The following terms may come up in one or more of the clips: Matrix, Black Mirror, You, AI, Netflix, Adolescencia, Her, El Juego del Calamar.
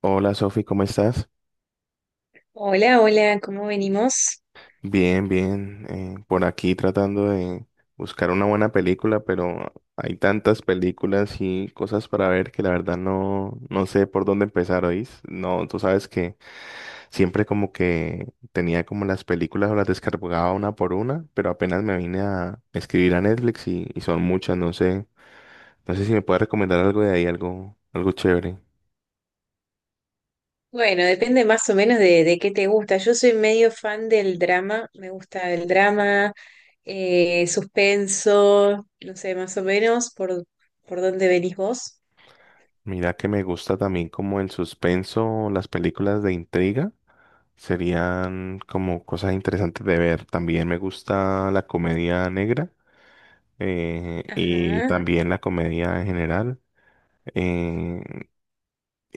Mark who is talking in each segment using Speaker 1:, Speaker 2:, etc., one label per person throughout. Speaker 1: Hola Sofi, ¿cómo estás?
Speaker 2: Hola, hola, ¿cómo venimos?
Speaker 1: Bien, bien. Por aquí tratando de buscar una buena película, pero hay tantas películas y cosas para ver que la verdad no, no sé por dónde empezar, ¿oís? No, tú sabes que siempre como que tenía como las películas o las descargaba una por una, pero apenas me vine a escribir a Netflix y son muchas, no sé. No sé si me puedes recomendar algo de ahí, algo, algo chévere.
Speaker 2: Bueno, depende más o menos de qué te gusta. Yo soy medio fan del drama, me gusta el drama, suspenso, no sé, más o menos por dónde venís vos.
Speaker 1: Mira que me gusta también como el suspenso, las películas de intriga. Serían como cosas interesantes de ver. También me gusta la comedia negra, y
Speaker 2: Ajá.
Speaker 1: también la comedia en general. eh,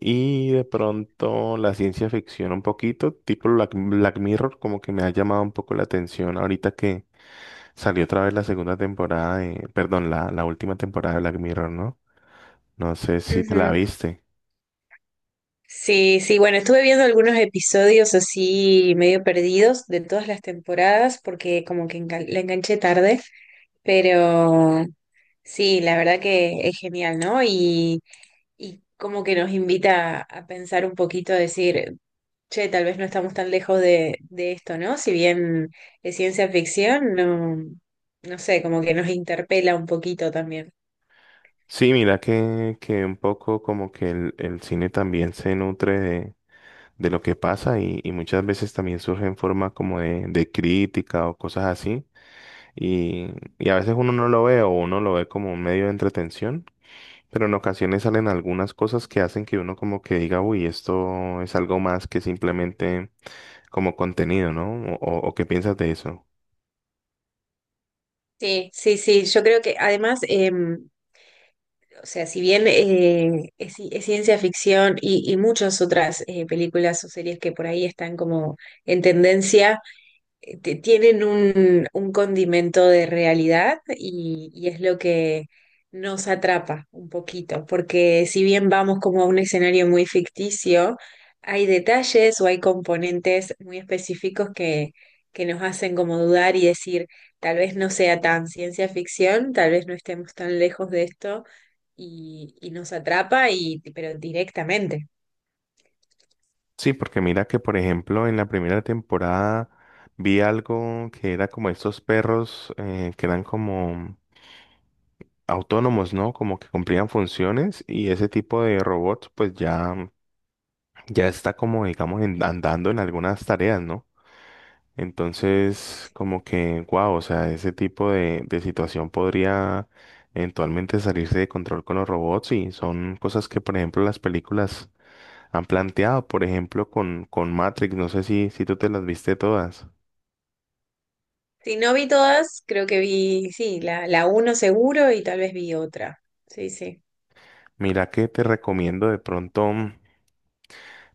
Speaker 1: y de pronto la ciencia ficción un poquito, tipo Black Mirror, como que me ha llamado un poco la atención ahorita que salió otra vez la segunda temporada, perdón, la última temporada de Black Mirror, ¿no? No sé si te la
Speaker 2: Ujú.
Speaker 1: viste.
Speaker 2: Sí, sí, bueno, estuve viendo algunos episodios así medio perdidos de todas las temporadas porque como que la enganché tarde, pero sí, la verdad que es genial, ¿no? Y como que nos invita a pensar un poquito, a decir, che, tal vez no estamos tan lejos de esto, ¿no? Si bien es ciencia ficción, no, no sé, como que nos interpela un poquito también.
Speaker 1: Sí, mira que un poco como que el cine también se nutre de lo que pasa y muchas veces también surge en forma como de crítica o cosas así y, y a veces uno no lo ve o uno lo ve como un medio de entretención, pero en ocasiones salen algunas cosas que hacen que uno como que diga, uy, esto es algo más que simplemente como contenido, ¿no? O qué piensas de eso.
Speaker 2: Sí, sí, sí, yo creo que además, o sea, si bien es ciencia ficción y muchas otras películas o series que por ahí están como en tendencia, tienen un condimento de realidad y es lo que nos atrapa un poquito, porque si bien vamos como a un escenario muy ficticio, hay detalles o hay componentes muy específicos que nos hacen como dudar y decir, tal vez no sea tan ciencia ficción, tal vez no estemos tan lejos de esto y nos atrapa, y, pero directamente.
Speaker 1: Sí, porque mira que por ejemplo en la primera temporada vi algo que era como estos perros, que eran como autónomos, ¿no? Como que cumplían funciones y ese tipo de robots pues ya, ya está como digamos andando en algunas tareas, ¿no? Entonces como que, wow, o sea, ese tipo de situación podría eventualmente salirse de control con los robots y son cosas que por ejemplo las películas han planteado, por ejemplo con Matrix, no sé si tú te las viste todas.
Speaker 2: Si no vi todas, creo que vi, sí, la uno seguro y tal vez vi otra. Sí, sí.
Speaker 1: Mira que te recomiendo de pronto.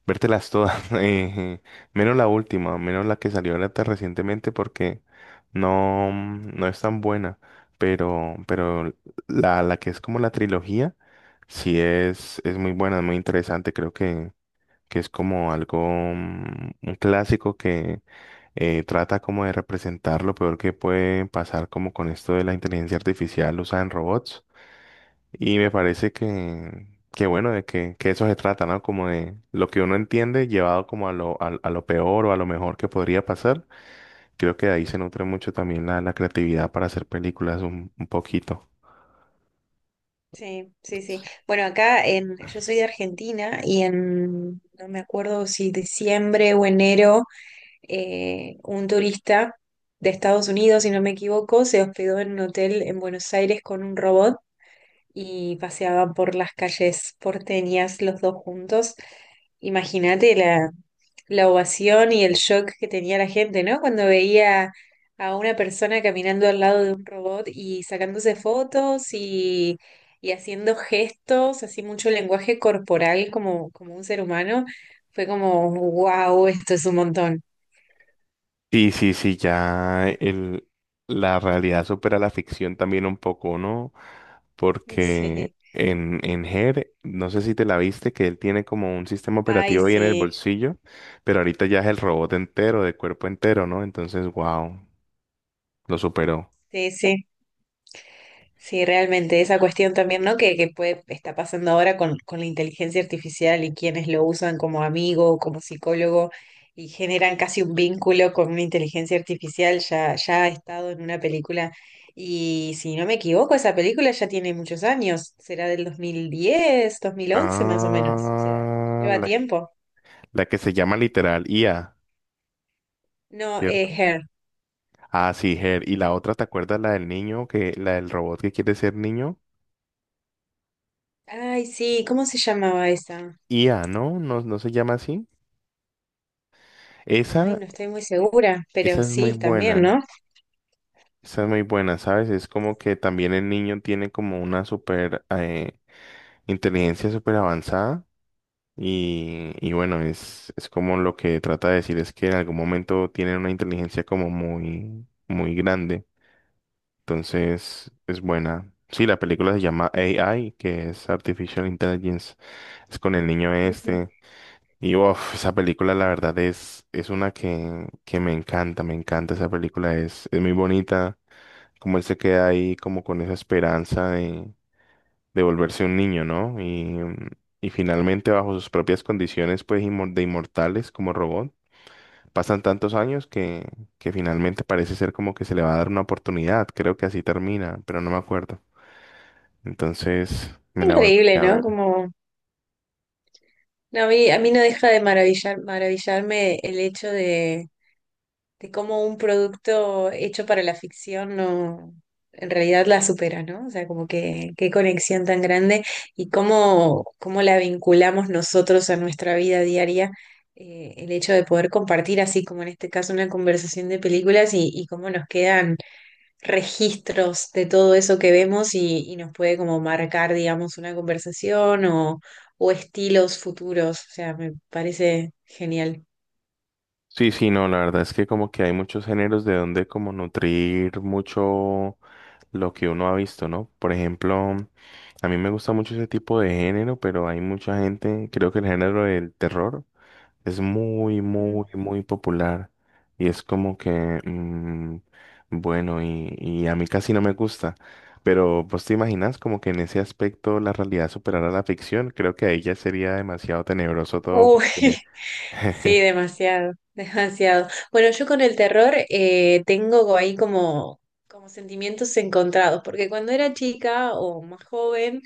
Speaker 1: Vértelas todas, menos la última, menos la que salió ahorita recientemente porque no, no es tan buena, pero la que es como la trilogía, sí es muy buena, es muy interesante, creo que es como algo, mm, un clásico que trata como de representar lo peor que puede pasar como con esto de la inteligencia artificial usada en robots. Y me parece que bueno, de que eso se trata, ¿no? Como de lo que uno entiende llevado como a lo peor o a lo mejor que podría pasar. Creo que de ahí se nutre mucho también la creatividad para hacer películas un poquito.
Speaker 2: Sí, sí, sí. Bueno, acá en, yo soy de Argentina y en, no me acuerdo si diciembre o enero, un turista de Estados Unidos, si no me equivoco, se hospedó en un hotel en Buenos Aires con un robot y paseaban por las calles porteñas los dos juntos. Imagínate la ovación y el shock que tenía la gente, ¿no? Cuando veía a una persona caminando al lado de un robot y sacándose fotos y haciendo gestos, así mucho lenguaje corporal como, como un ser humano, fue como, wow, esto es un montón.
Speaker 1: Sí sí, sí, ya la realidad supera la ficción también un poco, ¿no? Porque
Speaker 2: Sí.
Speaker 1: en Her, no sé si te la viste, que él tiene como un sistema
Speaker 2: Ay,
Speaker 1: operativo ahí en el
Speaker 2: sí,
Speaker 1: bolsillo, pero ahorita ya es el robot entero, de cuerpo entero, ¿no? Entonces, wow. Lo superó.
Speaker 2: sí, sí. Sí, realmente, esa cuestión también, ¿no? Que puede, está pasando ahora con la inteligencia artificial y quienes lo usan como amigo o como psicólogo, y generan casi un vínculo con una inteligencia artificial, ya, ya ha estado en una película, y si no me equivoco, esa película ya tiene muchos años, será del 2010, 2011 más o menos, o sea,
Speaker 1: Ah,
Speaker 2: lleva tiempo.
Speaker 1: la que se llama literal IA,
Speaker 2: No,
Speaker 1: ¿cierto?
Speaker 2: Her.
Speaker 1: Ah, sí, Her. Y la otra, ¿te acuerdas la del niño que, la del robot que quiere ser niño?
Speaker 2: Ay, sí, ¿cómo se llamaba esa?
Speaker 1: IA, ¿no? No, no se llama así.
Speaker 2: Ay,
Speaker 1: Esa,
Speaker 2: no estoy muy segura, pero
Speaker 1: esa es muy
Speaker 2: sí, también,
Speaker 1: buena.
Speaker 2: ¿no?
Speaker 1: Esa es muy buena, ¿sabes? Es como que también el niño tiene como una super inteligencia súper avanzada. Y bueno, es como lo que trata de decir es que en algún momento tienen una inteligencia como muy, muy grande. Entonces, es buena. Sí, la película se llama AI, que es Artificial Intelligence. Es con el niño
Speaker 2: Ujú.
Speaker 1: este. Y uff, esa película la verdad es una que me encanta esa película. Es muy bonita. Como él se queda ahí como con esa esperanza de volverse un niño, ¿no? Y finalmente bajo sus propias condiciones pues de inmortales como robot. Pasan tantos años que finalmente parece ser como que se le va a dar una oportunidad. Creo que así termina, pero no me acuerdo. Entonces me la
Speaker 2: Increíble,
Speaker 1: volvería a
Speaker 2: ¿no?
Speaker 1: ver.
Speaker 2: Como no, a mí no deja de maravillarme el hecho de cómo un producto hecho para la ficción no, en realidad la supera, ¿no? O sea, como que qué conexión tan grande y cómo, cómo la vinculamos nosotros a nuestra vida diaria, el hecho de poder compartir así como en este caso una conversación de películas y cómo nos quedan registros de todo eso que vemos y nos puede como marcar, digamos, una conversación o estilos futuros. O sea, me parece genial.
Speaker 1: Sí, sí, no, la verdad es que como que hay muchos géneros de donde como nutrir mucho lo que uno ha visto, ¿no? Por ejemplo, a mí me gusta mucho ese tipo de género, pero hay mucha gente, creo que el género del terror es muy,
Speaker 2: Mm.
Speaker 1: muy, muy popular y es como que, bueno, y a mí casi no me gusta, pero pues te imaginas como que en ese aspecto la realidad superara la ficción, creo que ahí ya sería demasiado tenebroso todo
Speaker 2: Uy,
Speaker 1: porque...
Speaker 2: sí, demasiado, demasiado. Bueno, yo con el terror tengo ahí como, como sentimientos encontrados, porque cuando era chica o más joven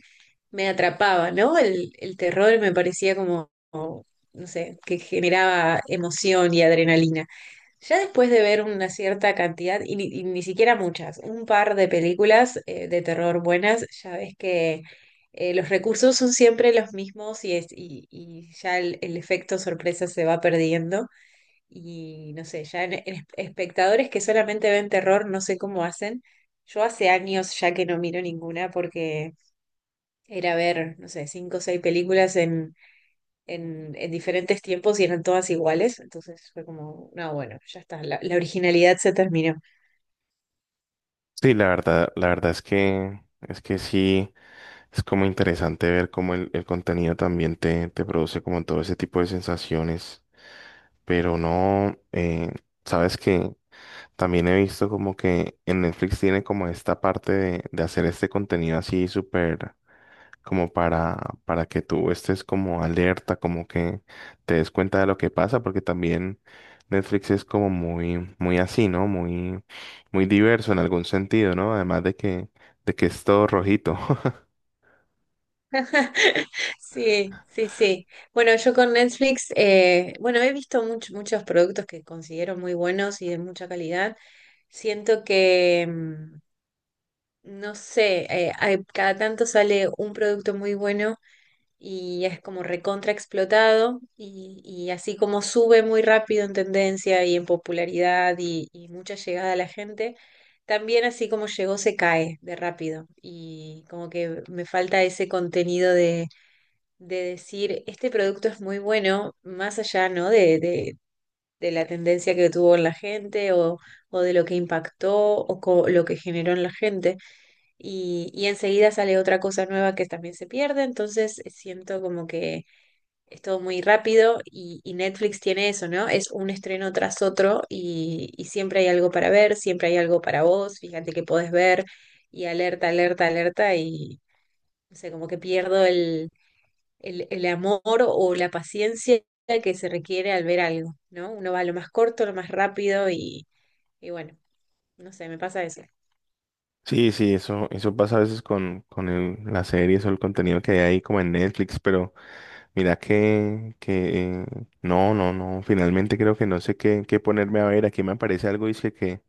Speaker 2: me atrapaba, ¿no? El terror me parecía como, como, no sé, que generaba emoción y adrenalina. Ya después de ver una cierta cantidad, y ni siquiera muchas, un par de películas de terror buenas, ya ves que los recursos son siempre los mismos y ya el efecto sorpresa se va perdiendo. Y no sé, espectadores que solamente ven terror, no sé cómo hacen. Yo hace años ya que no miro ninguna porque era ver, no sé, cinco o seis películas en diferentes tiempos y eran todas iguales. Entonces fue como, no, bueno, ya está, la originalidad se terminó.
Speaker 1: Sí, la verdad es que sí, es como interesante ver cómo el contenido también te produce como todo ese tipo de sensaciones. Pero no, sabes que también he visto como que en Netflix tiene como esta parte de hacer este contenido así súper como para que tú estés como alerta, como que te des cuenta de lo que pasa, porque también Netflix es como muy, muy así, ¿no? Muy, muy diverso en algún sentido, ¿no? Además de que es todo rojito.
Speaker 2: Sí, sí, sí. Bueno, yo con Netflix, bueno, he visto muchos productos que considero muy buenos y de mucha calidad. Siento que, no sé, cada tanto sale un producto muy bueno y es como recontra explotado y así como sube muy rápido en tendencia y en popularidad y mucha llegada a la gente, también así como llegó se cae de rápido y como que me falta ese contenido de decir, este producto es muy bueno, más allá, ¿no? De la tendencia que tuvo en la gente o de lo que impactó o lo que generó en la gente y enseguida sale otra cosa nueva que también se pierde, entonces siento como que es todo muy rápido y Netflix tiene eso, ¿no? Es un estreno tras otro y siempre hay algo para ver, siempre hay algo para vos, fíjate que podés ver y alerta, alerta, alerta y no sé, como que pierdo el amor o la paciencia que se requiere al ver algo, ¿no? Uno va a lo más corto, lo más rápido y bueno, no sé, me pasa eso.
Speaker 1: Sí, sí, eso pasa a veces con las series o el contenido que hay ahí como en Netflix, pero mira que no, no, no, finalmente creo que no sé qué ponerme a ver. Aquí me aparece algo, dice que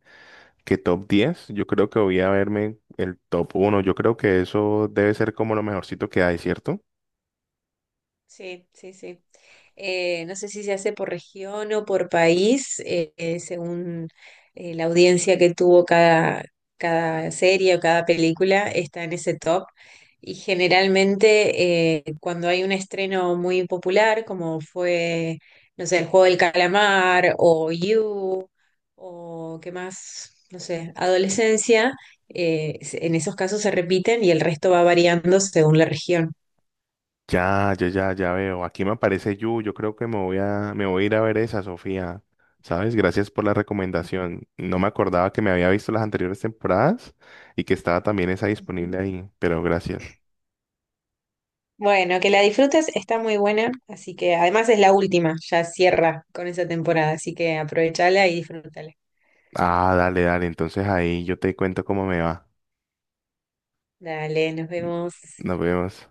Speaker 1: que top 10. Yo creo que voy a verme el top 1. Yo creo que eso debe ser como lo mejorcito que hay, ¿cierto?
Speaker 2: Sí, sí, sí. No sé si se hace por región o por país, según la audiencia que tuvo cada serie o cada película, está en ese top. Y generalmente cuando hay un estreno muy popular, como fue, no sé, El Juego del Calamar o You, o qué más, no sé, Adolescencia, en esos casos se repiten y el resto va variando según la región.
Speaker 1: Ya, ya, ya, ya veo. Aquí me aparece Yu. Yo creo que me voy a ir a ver esa, Sofía. ¿Sabes? Gracias por la recomendación. No me acordaba que me había visto las anteriores temporadas y que estaba también esa disponible ahí, pero gracias.
Speaker 2: Bueno, que la disfrutes, está muy buena, así que además es la última, ya cierra con esa temporada, así que aprovechala y disfrútala.
Speaker 1: Ah, dale, dale. Entonces ahí yo te cuento cómo me va.
Speaker 2: Dale, nos vemos.
Speaker 1: Nos vemos.